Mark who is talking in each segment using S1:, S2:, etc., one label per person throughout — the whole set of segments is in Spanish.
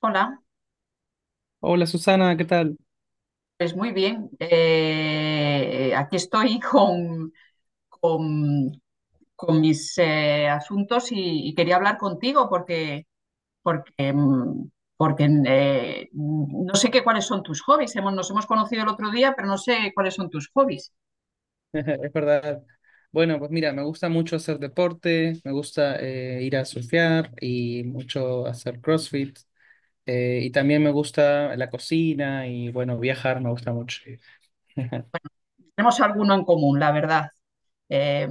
S1: Hola,
S2: Hola Susana, ¿qué tal?
S1: pues muy bien. Aquí estoy con- con mis asuntos y quería hablar contigo porque, mm, porque no sé qué cuáles son tus hobbies. Nos hemos conocido el otro día, pero no sé cuáles son tus hobbies.
S2: Es verdad. Bueno, pues mira, me gusta mucho hacer deporte, me gusta ir a surfear y mucho hacer CrossFit. Y también me gusta la cocina y bueno, viajar me gusta mucho.
S1: Tenemos alguno en común, la verdad. Eh,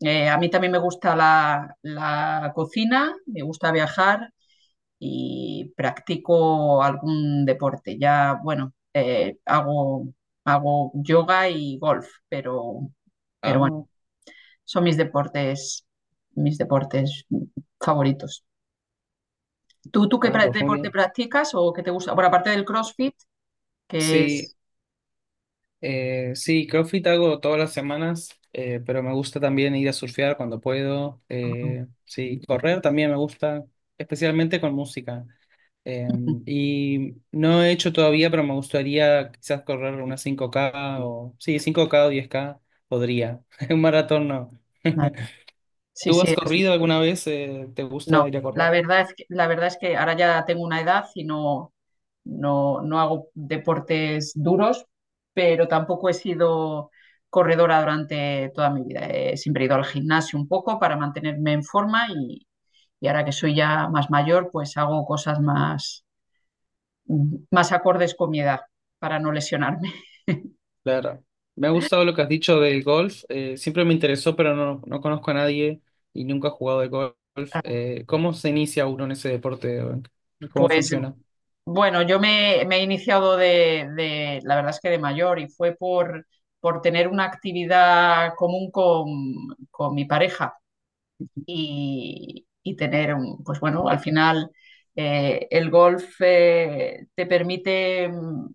S1: a mí también me gusta la cocina, me gusta viajar y practico algún deporte. Ya, bueno, hago yoga y golf, pero bueno,
S2: Ah,
S1: son mis deportes favoritos. ¿Tú qué
S2: ah, pues muy
S1: deporte
S2: bien.
S1: practicas o qué te gusta? Bueno, aparte del CrossFit, que
S2: Sí,
S1: es.
S2: sí, CrossFit hago todas las semanas, pero me gusta también ir a surfear cuando puedo.
S1: Ujú,
S2: Sí, correr también me gusta, especialmente con música. Eh,
S1: ujú.
S2: y no he hecho todavía, pero me gustaría quizás correr una 5K o sí, 5K o 10K podría. Un maratón no.
S1: Vale. Sí,
S2: ¿Tú
S1: sí,
S2: has
S1: es
S2: corrido alguna vez? ¿Te
S1: no,
S2: gusta ir a correr?
S1: la verdad es que ahora ya tengo una edad y no hago deportes duros, pero tampoco he sido corredora durante toda mi vida. He siempre ido al gimnasio un poco para mantenerme en forma y ahora que soy ya más mayor, pues hago cosas más acordes con mi edad para no lesionarme.
S2: Claro. Me ha gustado lo que has dicho del golf. Siempre me interesó, pero no, no conozco a nadie y nunca he jugado de golf. ¿Cómo se inicia uno en ese deporte? ¿Cómo
S1: Pues
S2: funciona?
S1: bueno, yo me he iniciado la verdad es que de mayor y fue por tener una actividad común con mi pareja y tener pues bueno, al final el golf te permite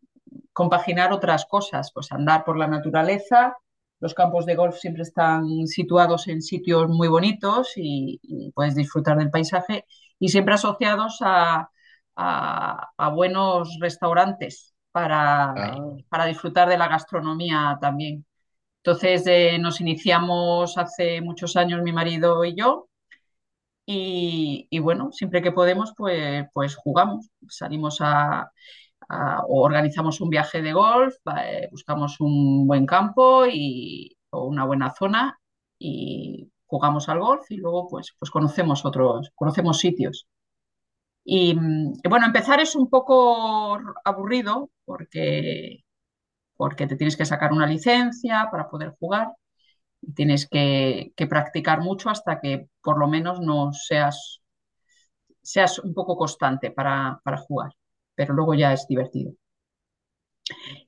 S1: compaginar otras cosas, pues andar por la naturaleza. Los campos de golf siempre están situados en sitios muy bonitos y puedes disfrutar del paisaje y siempre asociados a, a buenos restaurantes para,
S2: Ah,
S1: para disfrutar de la gastronomía también. Entonces nos iniciamos hace muchos años mi marido y yo y bueno, siempre que podemos, pues jugamos, salimos o organizamos un viaje de golf, va, buscamos un buen campo o una buena zona y jugamos al golf y luego pues conocemos otros, conocemos sitios. Y y bueno, empezar es un poco aburrido porque te tienes que sacar una licencia para poder jugar y tienes que practicar mucho hasta que por lo menos no seas un poco constante para jugar, pero luego ya es divertido.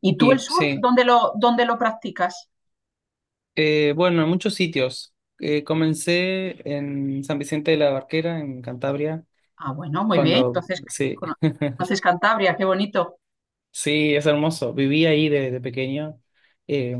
S1: ¿Y tú el
S2: y
S1: surf,
S2: sí.
S1: dónde lo practicas?
S2: Bueno, en muchos sitios. Comencé en San Vicente de la Barquera, en Cantabria,
S1: Ah, bueno, muy bien.
S2: cuando,
S1: Entonces,
S2: sí,
S1: cono- conoces Cantabria, qué bonito.
S2: sí, es hermoso. Viví ahí de pequeño eh,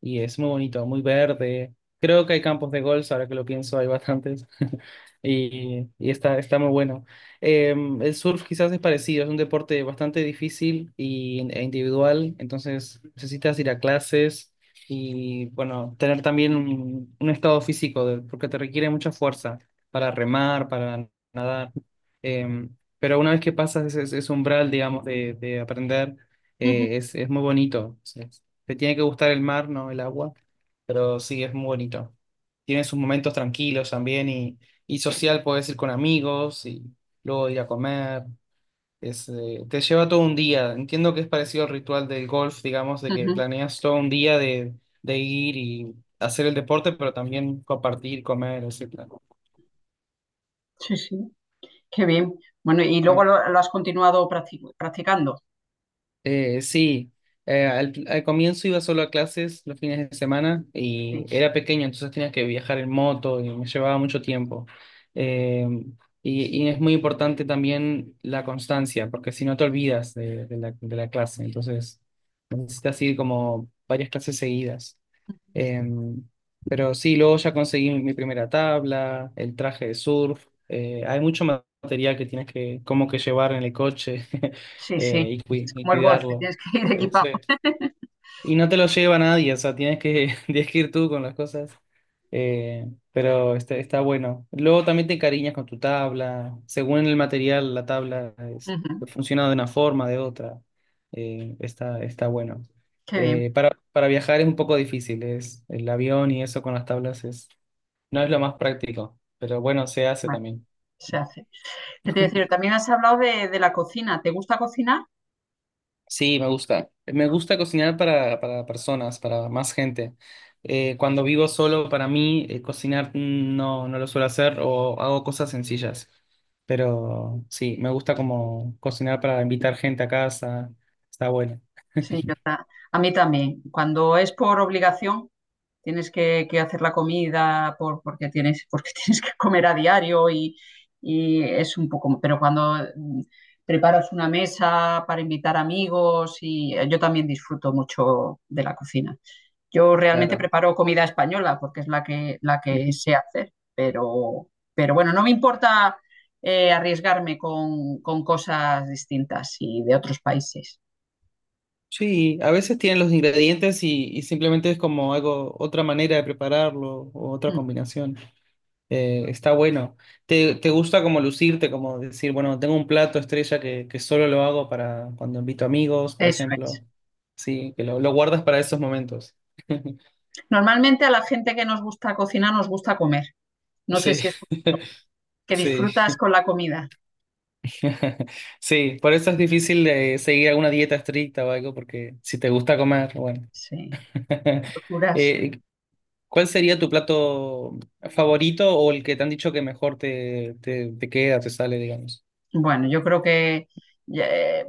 S2: y es muy bonito, muy verde. Creo que hay campos de golf, ahora que lo pienso, hay bastantes. Y está muy bueno. Eh, el surf quizás es parecido, es un deporte bastante difícil e individual, entonces necesitas ir a clases y, bueno, tener también un, estado físico, porque te requiere mucha fuerza para remar, para nadar. Em, pero una vez que pasas ese umbral, digamos, de aprender,
S1: Ujú,
S2: es muy bonito. O sea, te tiene que gustar el mar, no el agua, pero sí, es muy bonito. Tiene sus momentos tranquilos también y social, puedes ir con amigos y luego ir a comer. Te lleva todo un día. Entiendo que es parecido al ritual del golf, digamos, de que
S1: ujú.
S2: planeas todo un día de ir y hacer el deporte, pero también compartir, comer, etc.
S1: Sí, sí, qué bien. Bueno, y luego lo has continuado practicando.
S2: Sí, al comienzo iba solo a clases los fines de semana y
S1: Sí,
S2: era pequeño, entonces tenía que viajar en moto y me llevaba mucho tiempo. Eh, y es muy importante también la constancia, porque si no te olvidas de, de la clase, entonces necesitas ir como varias clases seguidas. Em, pero sí, luego ya conseguí mi primera tabla, el traje de surf. Hay mucho material que tienes que como que llevar en el coche
S1: sí, sí.
S2: y, cui-
S1: Es
S2: y
S1: como el golf, que
S2: cuidarlo.
S1: tienes que ir equipado.
S2: Sí. Y no te lo lleva nadie, o sea, tienes que, tienes que ir tú con las cosas. Eh, pero está bueno. Luego también te encariñas con tu tabla. Según el material, la tabla
S1: Ujú.
S2: funciona de una forma, de otra. Está bueno.
S1: Qué bien.
S2: Para, viajar es un poco difícil, es el avión y eso con las tablas no es lo más práctico, pero bueno, se hace
S1: Bueno,
S2: también.
S1: se hace. ¿Qué te iba a decir? También has hablado de la cocina. ¿Te gusta cocinar?
S2: Sí, me gusta. Me
S1: Ah,
S2: gusta cocinar para personas, para más gente. Cuando vivo solo, para mí, cocinar no, no lo suelo hacer o hago cosas sencillas. Pero sí, me gusta como cocinar para invitar gente a casa. Está bueno.
S1: sí, a mí también. Cuando es por obligación, tienes que hacer la comida porque tienes que comer a diario y es un poco, pero cuando preparas una mesa para invitar amigos y yo también disfruto mucho de la cocina. Yo realmente
S2: Claro.
S1: preparo comida española porque es la que
S2: Ujú.
S1: sé hacer, pero bueno, no me importa arriesgarme con cosas distintas y de otros países.
S2: Sí, a veces tienen los ingredientes y simplemente es como algo, otra manera de prepararlo o otra
S1: Mm.
S2: combinación. Está bueno. ¿Te gusta como lucirte, como decir, bueno, tengo un plato estrella que solo lo hago para cuando invito amigos, por
S1: Eso es.
S2: ejemplo? Sí, que lo guardas para esos momentos.
S1: Normalmente a la gente que nos gusta cocinar nos gusta comer. No sé
S2: Sí,
S1: si es que
S2: sí,
S1: disfrutas con la comida.
S2: sí. Por eso es difícil seguir alguna dieta estricta o algo, porque si te gusta comer, bueno.
S1: Sí, locuras.
S2: Eh, ¿Cuál sería tu plato favorito o el que te han dicho que mejor te queda, te sale, digamos?
S1: Bueno, yo creo que eh,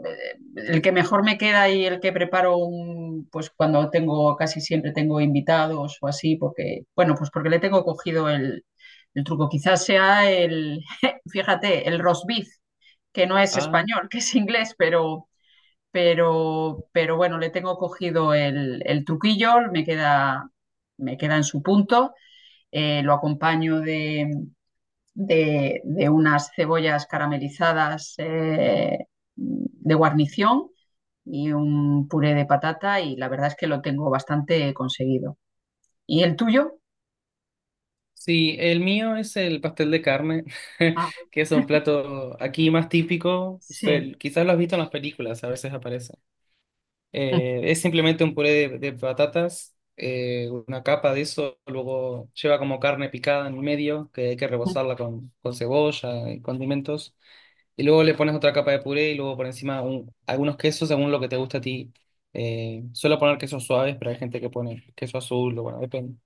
S1: el que mejor me queda y el que preparo pues cuando tengo, casi siempre tengo invitados o así, porque, bueno, pues porque le tengo cogido el truco. Quizás sea el, fíjate, el roast beef, que no es
S2: Ah,
S1: español, que es inglés, pero bueno, le tengo cogido el truquillo, me queda en su punto. Lo acompaño de unas cebollas caramelizadas de guarnición y un puré de patata y la verdad es que lo tengo bastante conseguido. ¿Y el tuyo?
S2: sí, el mío es el pastel de carne,
S1: Ah,
S2: que es un plato aquí más típico. O sea,
S1: sí.
S2: quizás lo has visto en las películas, a veces aparece.
S1: Ujú,
S2: Es simplemente un puré de patatas, una capa de eso, luego lleva como carne picada en el medio, que hay que rebozarla con cebolla y condimentos, y luego le pones otra capa de puré y luego por encima algunos quesos según lo que te gusta a ti. Suelo poner quesos suaves, pero hay gente que pone queso azul, o bueno, depende.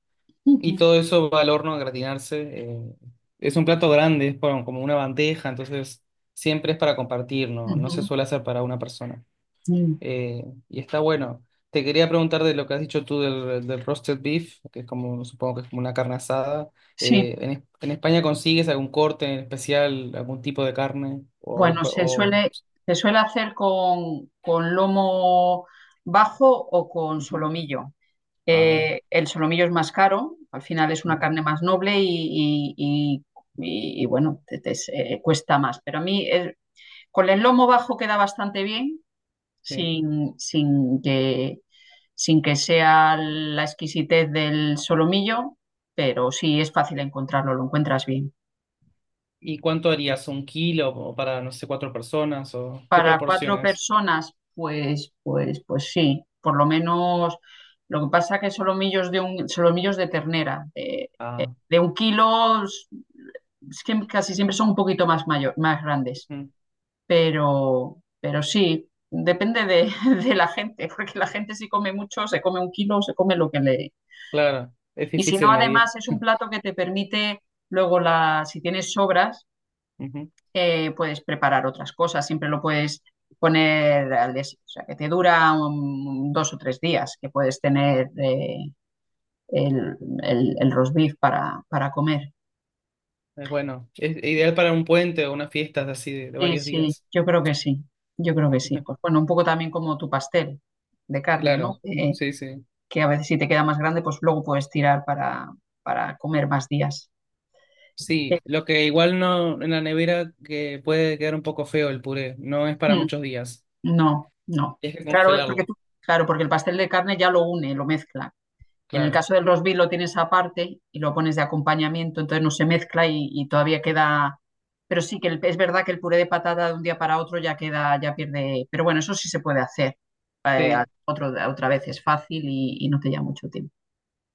S2: Y
S1: ujú,
S2: todo eso va al horno a gratinarse. Es un plato grande, es como una bandeja, entonces siempre es para compartir, no, no se
S1: ujú.
S2: suele hacer para una persona
S1: Mm.
S2: y está bueno. Te quería preguntar de lo que has dicho tú del roasted beef, que es como, supongo que es como una carne asada.
S1: Sí,
S2: ¿En España consigues algún corte en especial, algún tipo de carne? O, es
S1: bueno,
S2: cua-
S1: se
S2: o-
S1: suele, se suele hacer con lomo bajo o con
S2: Ujú.
S1: solomillo.
S2: Ah,
S1: El solomillo es más caro, al final es una
S2: ujú,
S1: carne más noble y, bueno, te cuesta más. Pero a mí con el lomo bajo queda bastante bien,
S2: sí.
S1: sin, sin que, sin que sea la exquisitez del solomillo, pero sí es fácil encontrarlo, lo encuentras bien.
S2: ¿Y cuánto harías? ¿Un kilo o para, no sé, cuatro personas? ¿O qué
S1: Para cuatro
S2: proporciones?
S1: personas, pues sí, por lo menos lo que pasa que solomillos de ternera,
S2: Ah,
S1: de un kilo es que casi siempre son un poquito más mayor, más grandes,
S2: ujú,
S1: pero sí, depende de, de la gente, porque la gente si come mucho, se come un kilo, se come lo que le.
S2: claro, es
S1: Y si no,
S2: difícil medir.
S1: además es un plato que te permite luego, si tienes sobras,
S2: Ujú,
S1: puedes preparar otras cosas, siempre lo puedes poner o sea, que te dura 2 o 3 días, que puedes tener el, el roast beef para comer.
S2: es bueno, es ideal para un puente o unas fiestas así de
S1: Sí,
S2: varios
S1: sí,
S2: días.
S1: yo creo que sí, yo creo que sí. Pues bueno, un poco también como tu pastel de carne, ¿no?
S2: Claro, sí, sí.
S1: Que a veces si te queda más grande, pues luego puedes tirar para comer más días. Eh,
S2: Sí, lo que igual no en la nevera que puede quedar un poco feo el puré, no es para
S1: mm,
S2: muchos días.
S1: no, no.
S2: Tienes que
S1: Claro,
S2: congelarlo,
S1: claro, porque el pastel de carne ya lo une, lo mezcla. En el
S2: claro.
S1: caso del rosbif lo tienes aparte y lo pones de acompañamiento, entonces no se mezcla y todavía queda. Pero sí que es verdad que el puré de patata de un día para otro ya queda, ya pierde. Pero bueno, eso sí se puede hacer. eh, a-
S2: Sí,
S1: otro- otra vez es fácil y no te lleva mucho tiempo.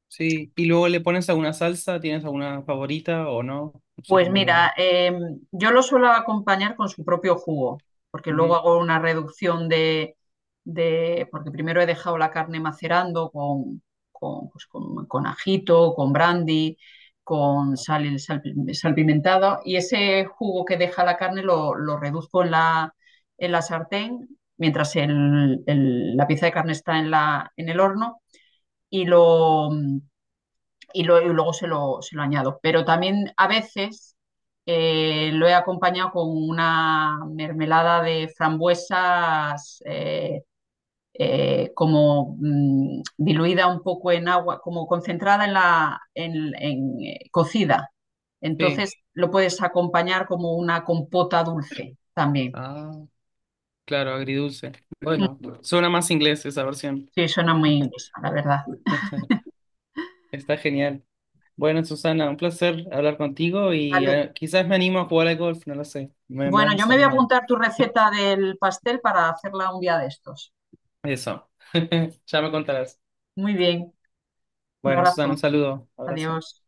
S2: sí. Y luego le pones alguna salsa, ¿tienes alguna favorita o no? No sé
S1: Pues
S2: cómo lo.
S1: mira, yo lo suelo acompañar con su propio jugo, porque luego
S2: Ujú,
S1: hago una reducción porque primero he dejado la carne macerando con ajito, con brandy, con sal, y sal, salpimentado, y ese jugo que deja la carne lo reduzco en la sartén mientras la pieza de carne está en el horno y lo y luego se lo añado. Pero también a veces lo he acompañado con una mermelada de frambuesas como diluida un poco en agua, como concentrada en la, cocida.
S2: sí.
S1: Entonces lo puedes acompañar como una compota dulce también.
S2: Ah, claro, agridulce.
S1: Mm,
S2: Bueno, suena más inglés esa versión.
S1: sí, suena muy inglesa, la verdad.
S2: Está genial. Bueno, Susana, un placer hablar contigo y
S1: Vale.
S2: quizás me animo a jugar al golf, no lo sé. Me
S1: Bueno, yo
S2: has
S1: me voy a
S2: animado.
S1: apuntar tu receta del pastel para hacerla un día de estos.
S2: Eso. Ya me contarás.
S1: Muy bien, un
S2: Bueno, Susana, un
S1: abrazo.
S2: saludo, abrazo.
S1: Adiós.